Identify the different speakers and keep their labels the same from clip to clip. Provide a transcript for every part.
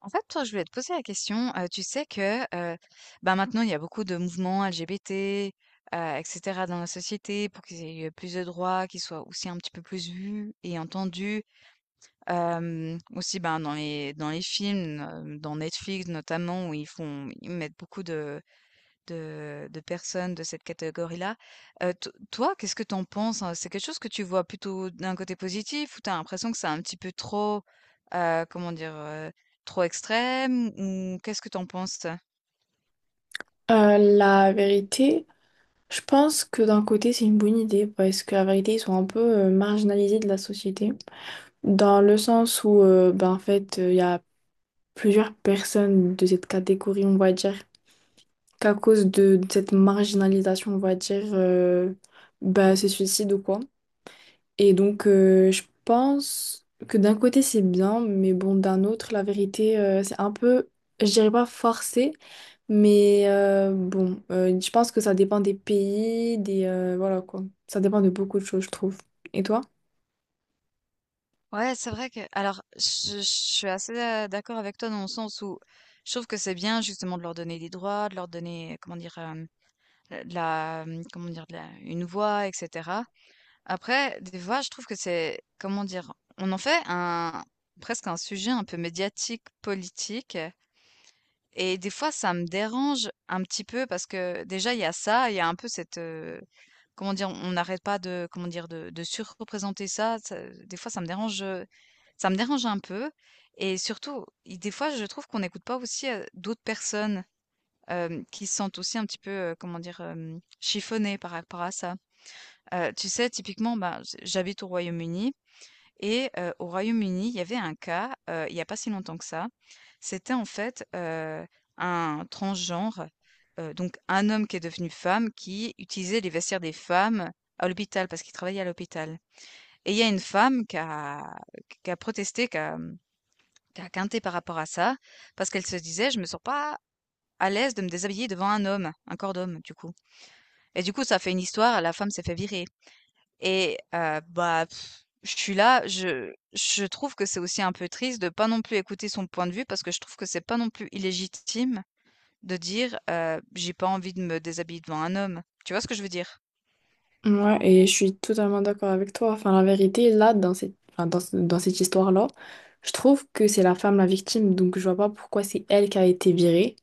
Speaker 1: En fait, toi, je voulais te poser la question. Tu sais que maintenant, il y a beaucoup de mouvements LGBT, etc. dans la société pour qu'ils aient plus de droits, qu'ils soient aussi un petit peu plus vus et entendus. Aussi ben, dans les films, dans Netflix notamment, où ils font, ils mettent beaucoup de, de personnes de cette catégorie-là. To Toi, qu'est-ce que tu en penses, hein? C'est quelque chose que tu vois plutôt d'un côté positif ou t'as l'impression que c'est un petit peu trop, comment dire? Trop extrême ou qu'est-ce que tu en penses, toi?
Speaker 2: La vérité, je pense que d'un côté c'est une bonne idée, parce que la vérité, ils sont un peu marginalisés de la société, dans le sens où ben, en fait, il y a plusieurs personnes de cette catégorie, on va dire, qu'à cause de cette marginalisation, on va dire, ben, se suicident ou quoi. Et donc, je pense que d'un côté c'est bien, mais bon, d'un autre, la vérité, c'est un peu, je dirais pas forcé. Mais bon, je pense que ça dépend des pays, des, voilà quoi. Ça dépend de beaucoup de choses, je trouve. Et toi?
Speaker 1: Ouais, c'est vrai que alors je suis assez, d'accord avec toi dans le sens où je trouve que c'est bien justement de leur donner des droits, de leur donner, comment dire? De la, comment dire? De la une voix et cetera. Après, des fois, je trouve que c'est, comment dire, on en fait un, presque un sujet un peu médiatique, politique. Et des fois, ça me dérange un petit peu parce que déjà, il y a ça, il y a un peu cette, comment dire, on n'arrête pas de, comment dire, de surreprésenter ça. Des fois, ça me dérange un peu. Et surtout, des fois, je trouve qu'on n'écoute pas aussi d'autres personnes qui se sentent aussi un petit peu, comment dire, chiffonnées par rapport à ça. Tu sais, typiquement, ben, j'habite au Royaume-Uni et au Royaume-Uni, il y avait un cas, il y a pas si longtemps que ça. C'était en fait, un transgenre, donc un homme qui est devenu femme, qui utilisait les vestiaires des femmes à l'hôpital parce qu'il travaillait à l'hôpital et il y a une femme qui a protesté, qui a, qui a quinté par rapport à ça parce qu'elle se disait: «Je me sens pas à l'aise de me déshabiller devant un homme, un corps d'homme, du coup» et du coup, ça a fait une histoire, la femme s'est fait virer. Et je suis là, je trouve que c'est aussi un peu triste de pas non plus écouter son point de vue parce que je trouve que c'est pas non plus illégitime de dire, «J'ai pas envie de me déshabiller devant un homme». Tu vois ce que je veux dire?
Speaker 2: Ouais, et je suis totalement d'accord avec toi. Enfin, la vérité, là, dans cette, enfin, dans cette histoire-là, je trouve que c'est la femme la victime, donc je vois pas pourquoi c'est elle qui a été virée.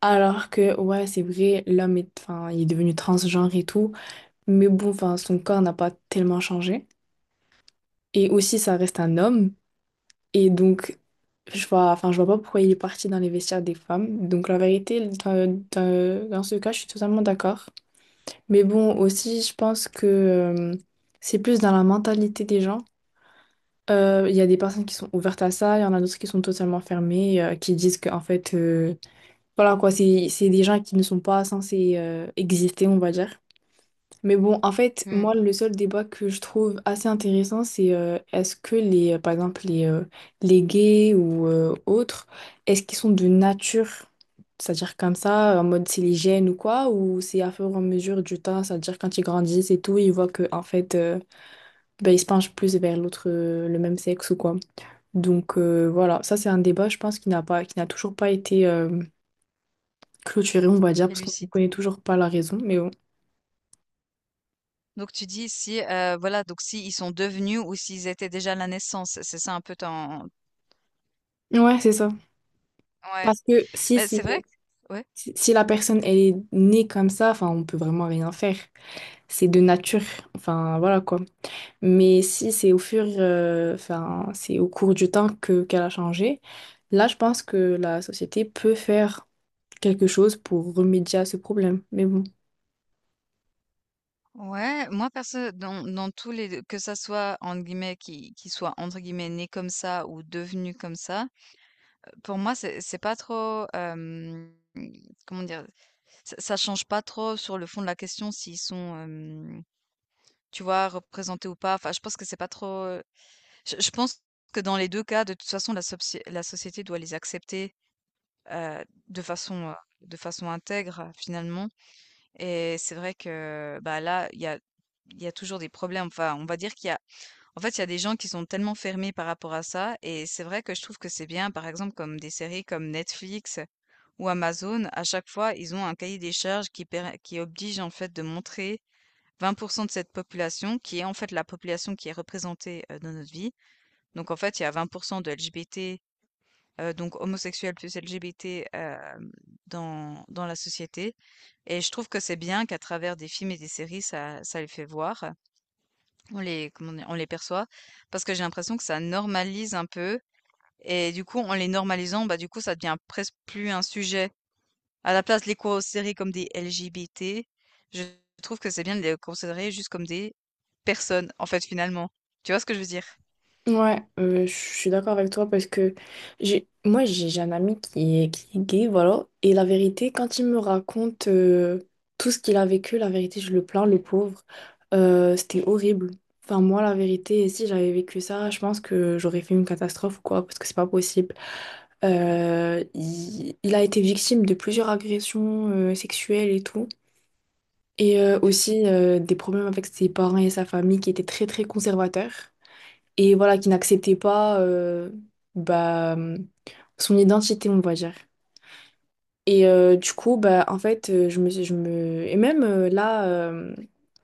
Speaker 2: Alors que, ouais, c'est vrai, l'homme est, enfin, il est devenu transgenre et tout, mais bon, enfin, son corps n'a pas tellement changé. Et aussi, ça reste un homme. Et donc, enfin, je vois pas pourquoi il est parti dans les vestiaires des femmes. Donc, la vérité, dans ce cas, je suis totalement d'accord. Mais bon, aussi, je pense que, c'est plus dans la mentalité des gens. Il y a des personnes qui sont ouvertes à ça, il y en a d'autres qui sont totalement fermées, qui disent que, en fait, voilà quoi, c'est des gens qui ne sont pas censés exister, on va dire. Mais bon, en fait,
Speaker 1: Hmm.
Speaker 2: moi, le seul débat que je trouve assez intéressant, c'est, par exemple, les gays ou autres, est-ce qu'ils sont de nature, c'est-à-dire comme ça, en mode c'est les gènes ou quoi, ou c'est à fur et à mesure du temps, c'est-à-dire quand ils grandissent et tout, ils voient que, en fait, ben, ils se penchent plus vers le même sexe ou quoi. Donc, voilà, ça c'est un débat, je pense, qui n'a toujours pas été clôturé, on va dire,
Speaker 1: C'est
Speaker 2: parce qu'on ne
Speaker 1: lucide.
Speaker 2: connaît toujours pas la raison, mais bon.
Speaker 1: Donc tu dis si, voilà, donc si ils sont devenus ou s'ils étaient déjà à la naissance, c'est ça un peu ton
Speaker 2: Ouais, c'est ça.
Speaker 1: ouais.
Speaker 2: Parce que si
Speaker 1: Mais
Speaker 2: c'est
Speaker 1: c'est vrai que ouais.
Speaker 2: Si si la personne, elle est née comme ça, enfin, on peut vraiment rien faire. C'est de nature, enfin, voilà quoi. Mais si c'est au fur, enfin, c'est au cours du temps que qu'elle a changé, là, je pense que la société peut faire quelque chose pour remédier à ce problème. Mais bon.
Speaker 1: Ouais, moi perso dans tous les 2 que ça soit entre guillemets qui soit entre guillemets né comme ça» ou devenu comme ça», pour moi c'est pas trop, comment dire? Ça change pas trop sur le fond de la question s'ils sont, tu vois, représentés ou pas. Enfin, je pense que c'est pas trop, je pense que dans les 2 cas, de toute façon, la société doit les accepter heu, de façon, heu, de façon intègre finalement et c'est vrai que, bah, là, il y a toujours des problèmes. Enfin, on va dire qu'il y a en fait, il y a des gens qui sont tellement fermés par rapport à ça et c'est vrai que je trouve que c'est bien, par exemple, comme des séries comme Netflix ou Amazon, à chaque fois, ils ont un cahier des charges qui oblige, en fait, de montrer 20% de cette population qui est, en fait, la population qui est représentée, dans notre vie. Donc en fait, il y a 20% de LGBT donc homosexuels plus LGBT, dans la société et je trouve que c'est bien qu'à travers des films et des séries, ça les fait voir. On les comment dire? On les perçoit parce que j'ai l'impression que ça normalise un peu et du coup, en les normalisant, bah, du coup, ça devient presque plus un sujet. À la place de les considérer comme des LGBT, je trouve que c'est bien de les considérer juste comme des personnes, en fait, finalement. Tu vois ce que je veux dire?
Speaker 2: Ouais, je suis d'accord avec toi, parce que j'ai moi j'ai un ami qui est gay, voilà, et la vérité, quand il me raconte, tout ce qu'il a vécu, la vérité, je le plains, le pauvre. C'était horrible. Enfin, moi, la vérité, si j'avais vécu ça, je pense que j'aurais fait une catastrophe ou quoi, parce que c'est pas possible. Il a été victime de plusieurs agressions sexuelles et tout, et aussi,
Speaker 1: Purée.
Speaker 2: des problèmes avec ses parents et sa famille, qui étaient très très conservateurs, et voilà, qui n'acceptait pas, bah, son identité, on va dire. Et du coup, bah, en fait, et même, là, euh,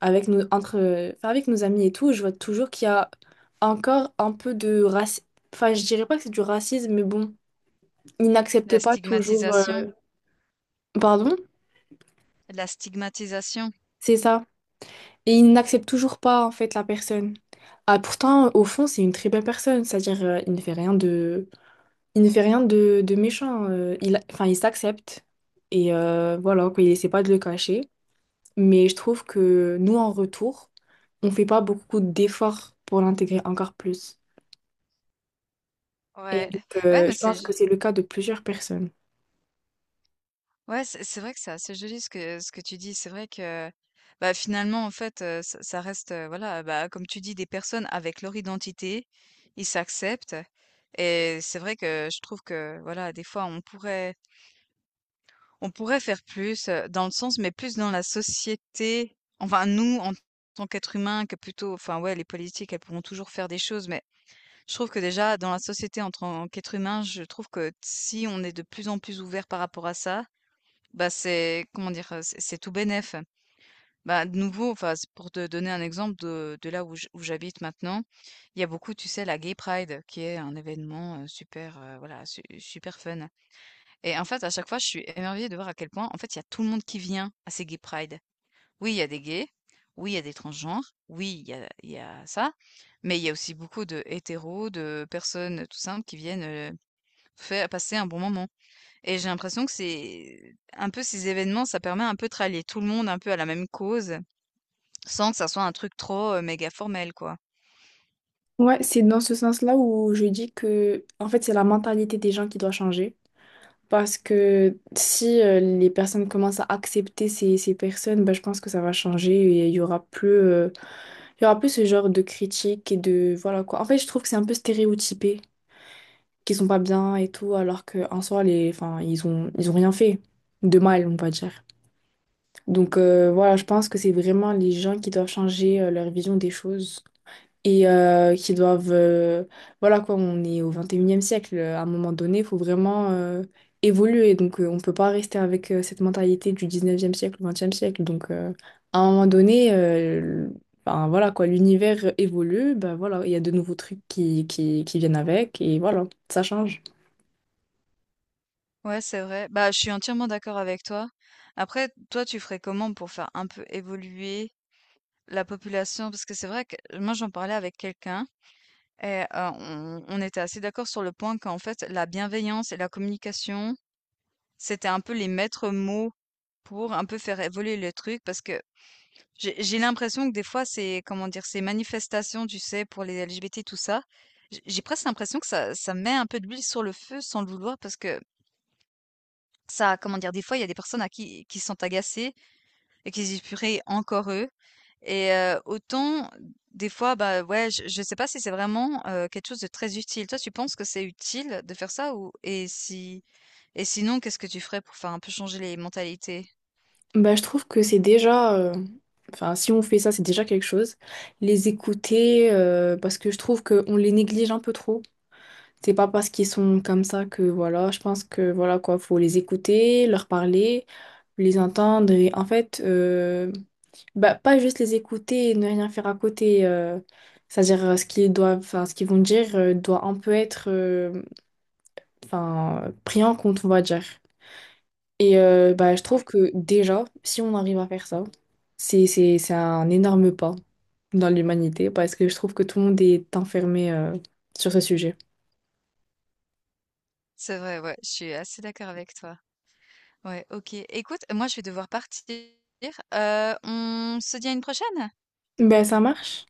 Speaker 2: avec nos, entre, euh, enfin, avec nos amis et tout, je vois toujours qu'il y a encore un peu de racisme. Enfin, je dirais pas que c'est du racisme, mais bon, ils n'acceptent
Speaker 1: La
Speaker 2: pas toujours.
Speaker 1: stigmatisation,
Speaker 2: Pardon?
Speaker 1: la stigmatisation.
Speaker 2: C'est ça. Et ils n'acceptent toujours pas, en fait, la personne. Ah, pourtant, au fond, c'est une très belle personne. C'est-à-dire, il ne fait rien de méchant. Enfin, il s'accepte. Et voilà, quoi, il essaie pas de le cacher. Mais je trouve que nous, en retour, on fait pas beaucoup d'efforts pour l'intégrer encore plus. Et
Speaker 1: Ouais,
Speaker 2: donc,
Speaker 1: ouais, mais
Speaker 2: je
Speaker 1: c'est,
Speaker 2: pense que
Speaker 1: ju-
Speaker 2: c'est le cas de plusieurs personnes.
Speaker 1: ouais, c'est vrai que c'est assez joli ce que tu dis. C'est vrai que, bah, finalement, en fait, ça, ça reste, voilà, bah, comme tu dis, des personnes avec leur identité, ils s'acceptent. Et c'est vrai que je trouve que, voilà, des fois, on pourrait faire plus, dans le sens mais plus dans la société, enfin nous, en tant qu'êtres humains, que plutôt enfin ouais, les politiques, elles pourront toujours faire des choses, mais je trouve que déjà dans la société en tant qu'être humain, je trouve que si on est de plus en plus ouvert par rapport à ça, bah, c'est comment dire? C'est tout bénef. Bah, de nouveau, enfin, c'est pour te donner un exemple de là où j où j'habite maintenant, il y a beaucoup, tu sais, la Gay Pride qui est un événement, super, voilà, su super fun. Et en fait, à chaque fois, je suis émerveillée de voir à quel point, en fait, il y a tout le monde qui vient à ces gay pride. Oui, il y a des gays, oui, il y a des transgenres, oui, il y a ça, mais il y a aussi beaucoup de hétéros, de personnes tout simples qui viennent faire passer un bon moment. Et j'ai l'impression que c'est un peu ces événements, ça permet un peu de rallier tout le monde un peu à la même cause, sans que ça soit un truc trop méga formel, quoi.
Speaker 2: Ouais, c'est dans ce sens-là où je dis que, en fait, c'est la mentalité des gens qui doit changer. Parce que si, les personnes commencent à accepter ces personnes, ben, je pense que ça va changer et il y aura plus. Il y a un peu ce genre de critique et de. Voilà quoi. En fait, je trouve que c'est un peu stéréotypé, qu'ils sont pas bien et tout, alors qu'en soi, enfin, ils ont rien fait de mal, on va dire. Donc, voilà, je pense que c'est vraiment les gens qui doivent changer leur vision des choses et qui doivent. Voilà quoi, on est au 21e siècle. À un moment donné, il faut vraiment évoluer. Donc, on peut pas rester avec cette mentalité du 19e siècle ou 20e siècle. Donc, à un moment donné, ben, voilà quoi, l'univers évolue. Ben, voilà, il y a de nouveaux trucs qui viennent avec, et voilà, ça change.
Speaker 1: Ouais, c'est vrai. Bah, je suis entièrement d'accord avec toi. Après, toi, tu ferais comment pour faire un peu évoluer la population? Parce que c'est vrai que moi, j'en parlais avec quelqu'un et on était assez d'accord sur le point qu'en fait, la bienveillance et la communication c'était un peu les maîtres mots pour un peu faire évoluer le truc parce que j'ai l'impression que des fois c'est comment dire ces manifestations, tu sais, pour les LGBT tout ça, j'ai presque l'impression que ça met un peu d'huile sur le feu sans le vouloir parce que ça comment dire des fois il y a des personnes à qui sont agacées et qui se disent purée encore eux et autant des fois bah ouais je sais pas si c'est vraiment quelque chose de très utile. Toi tu penses que c'est utile de faire ça ou et si et sinon qu'est-ce que tu ferais pour faire un peu changer les mentalités?
Speaker 2: Bah, je trouve que c'est déjà. Enfin, si on fait ça, c'est déjà quelque chose. Les écouter, parce que je trouve qu'on les néglige un peu trop. C'est pas parce qu'ils sont comme ça que voilà, je pense que voilà quoi, faut les écouter, leur parler, les entendre et en fait, bah, pas juste les écouter et ne rien faire à côté. C'est-à-dire, enfin ce qu'ils vont dire, doit un peu être, enfin pris en compte, on va dire. Et bah, je trouve
Speaker 1: Ouais.
Speaker 2: que déjà, si on arrive à faire ça, c'est un énorme pas dans l'humanité, parce que je trouve que tout le monde est enfermé sur ce sujet.
Speaker 1: C'est vrai, ouais, je suis assez d'accord avec toi. Ouais, OK. Écoute, moi, je vais devoir partir. On se dit à une prochaine?
Speaker 2: Ben, ça marche.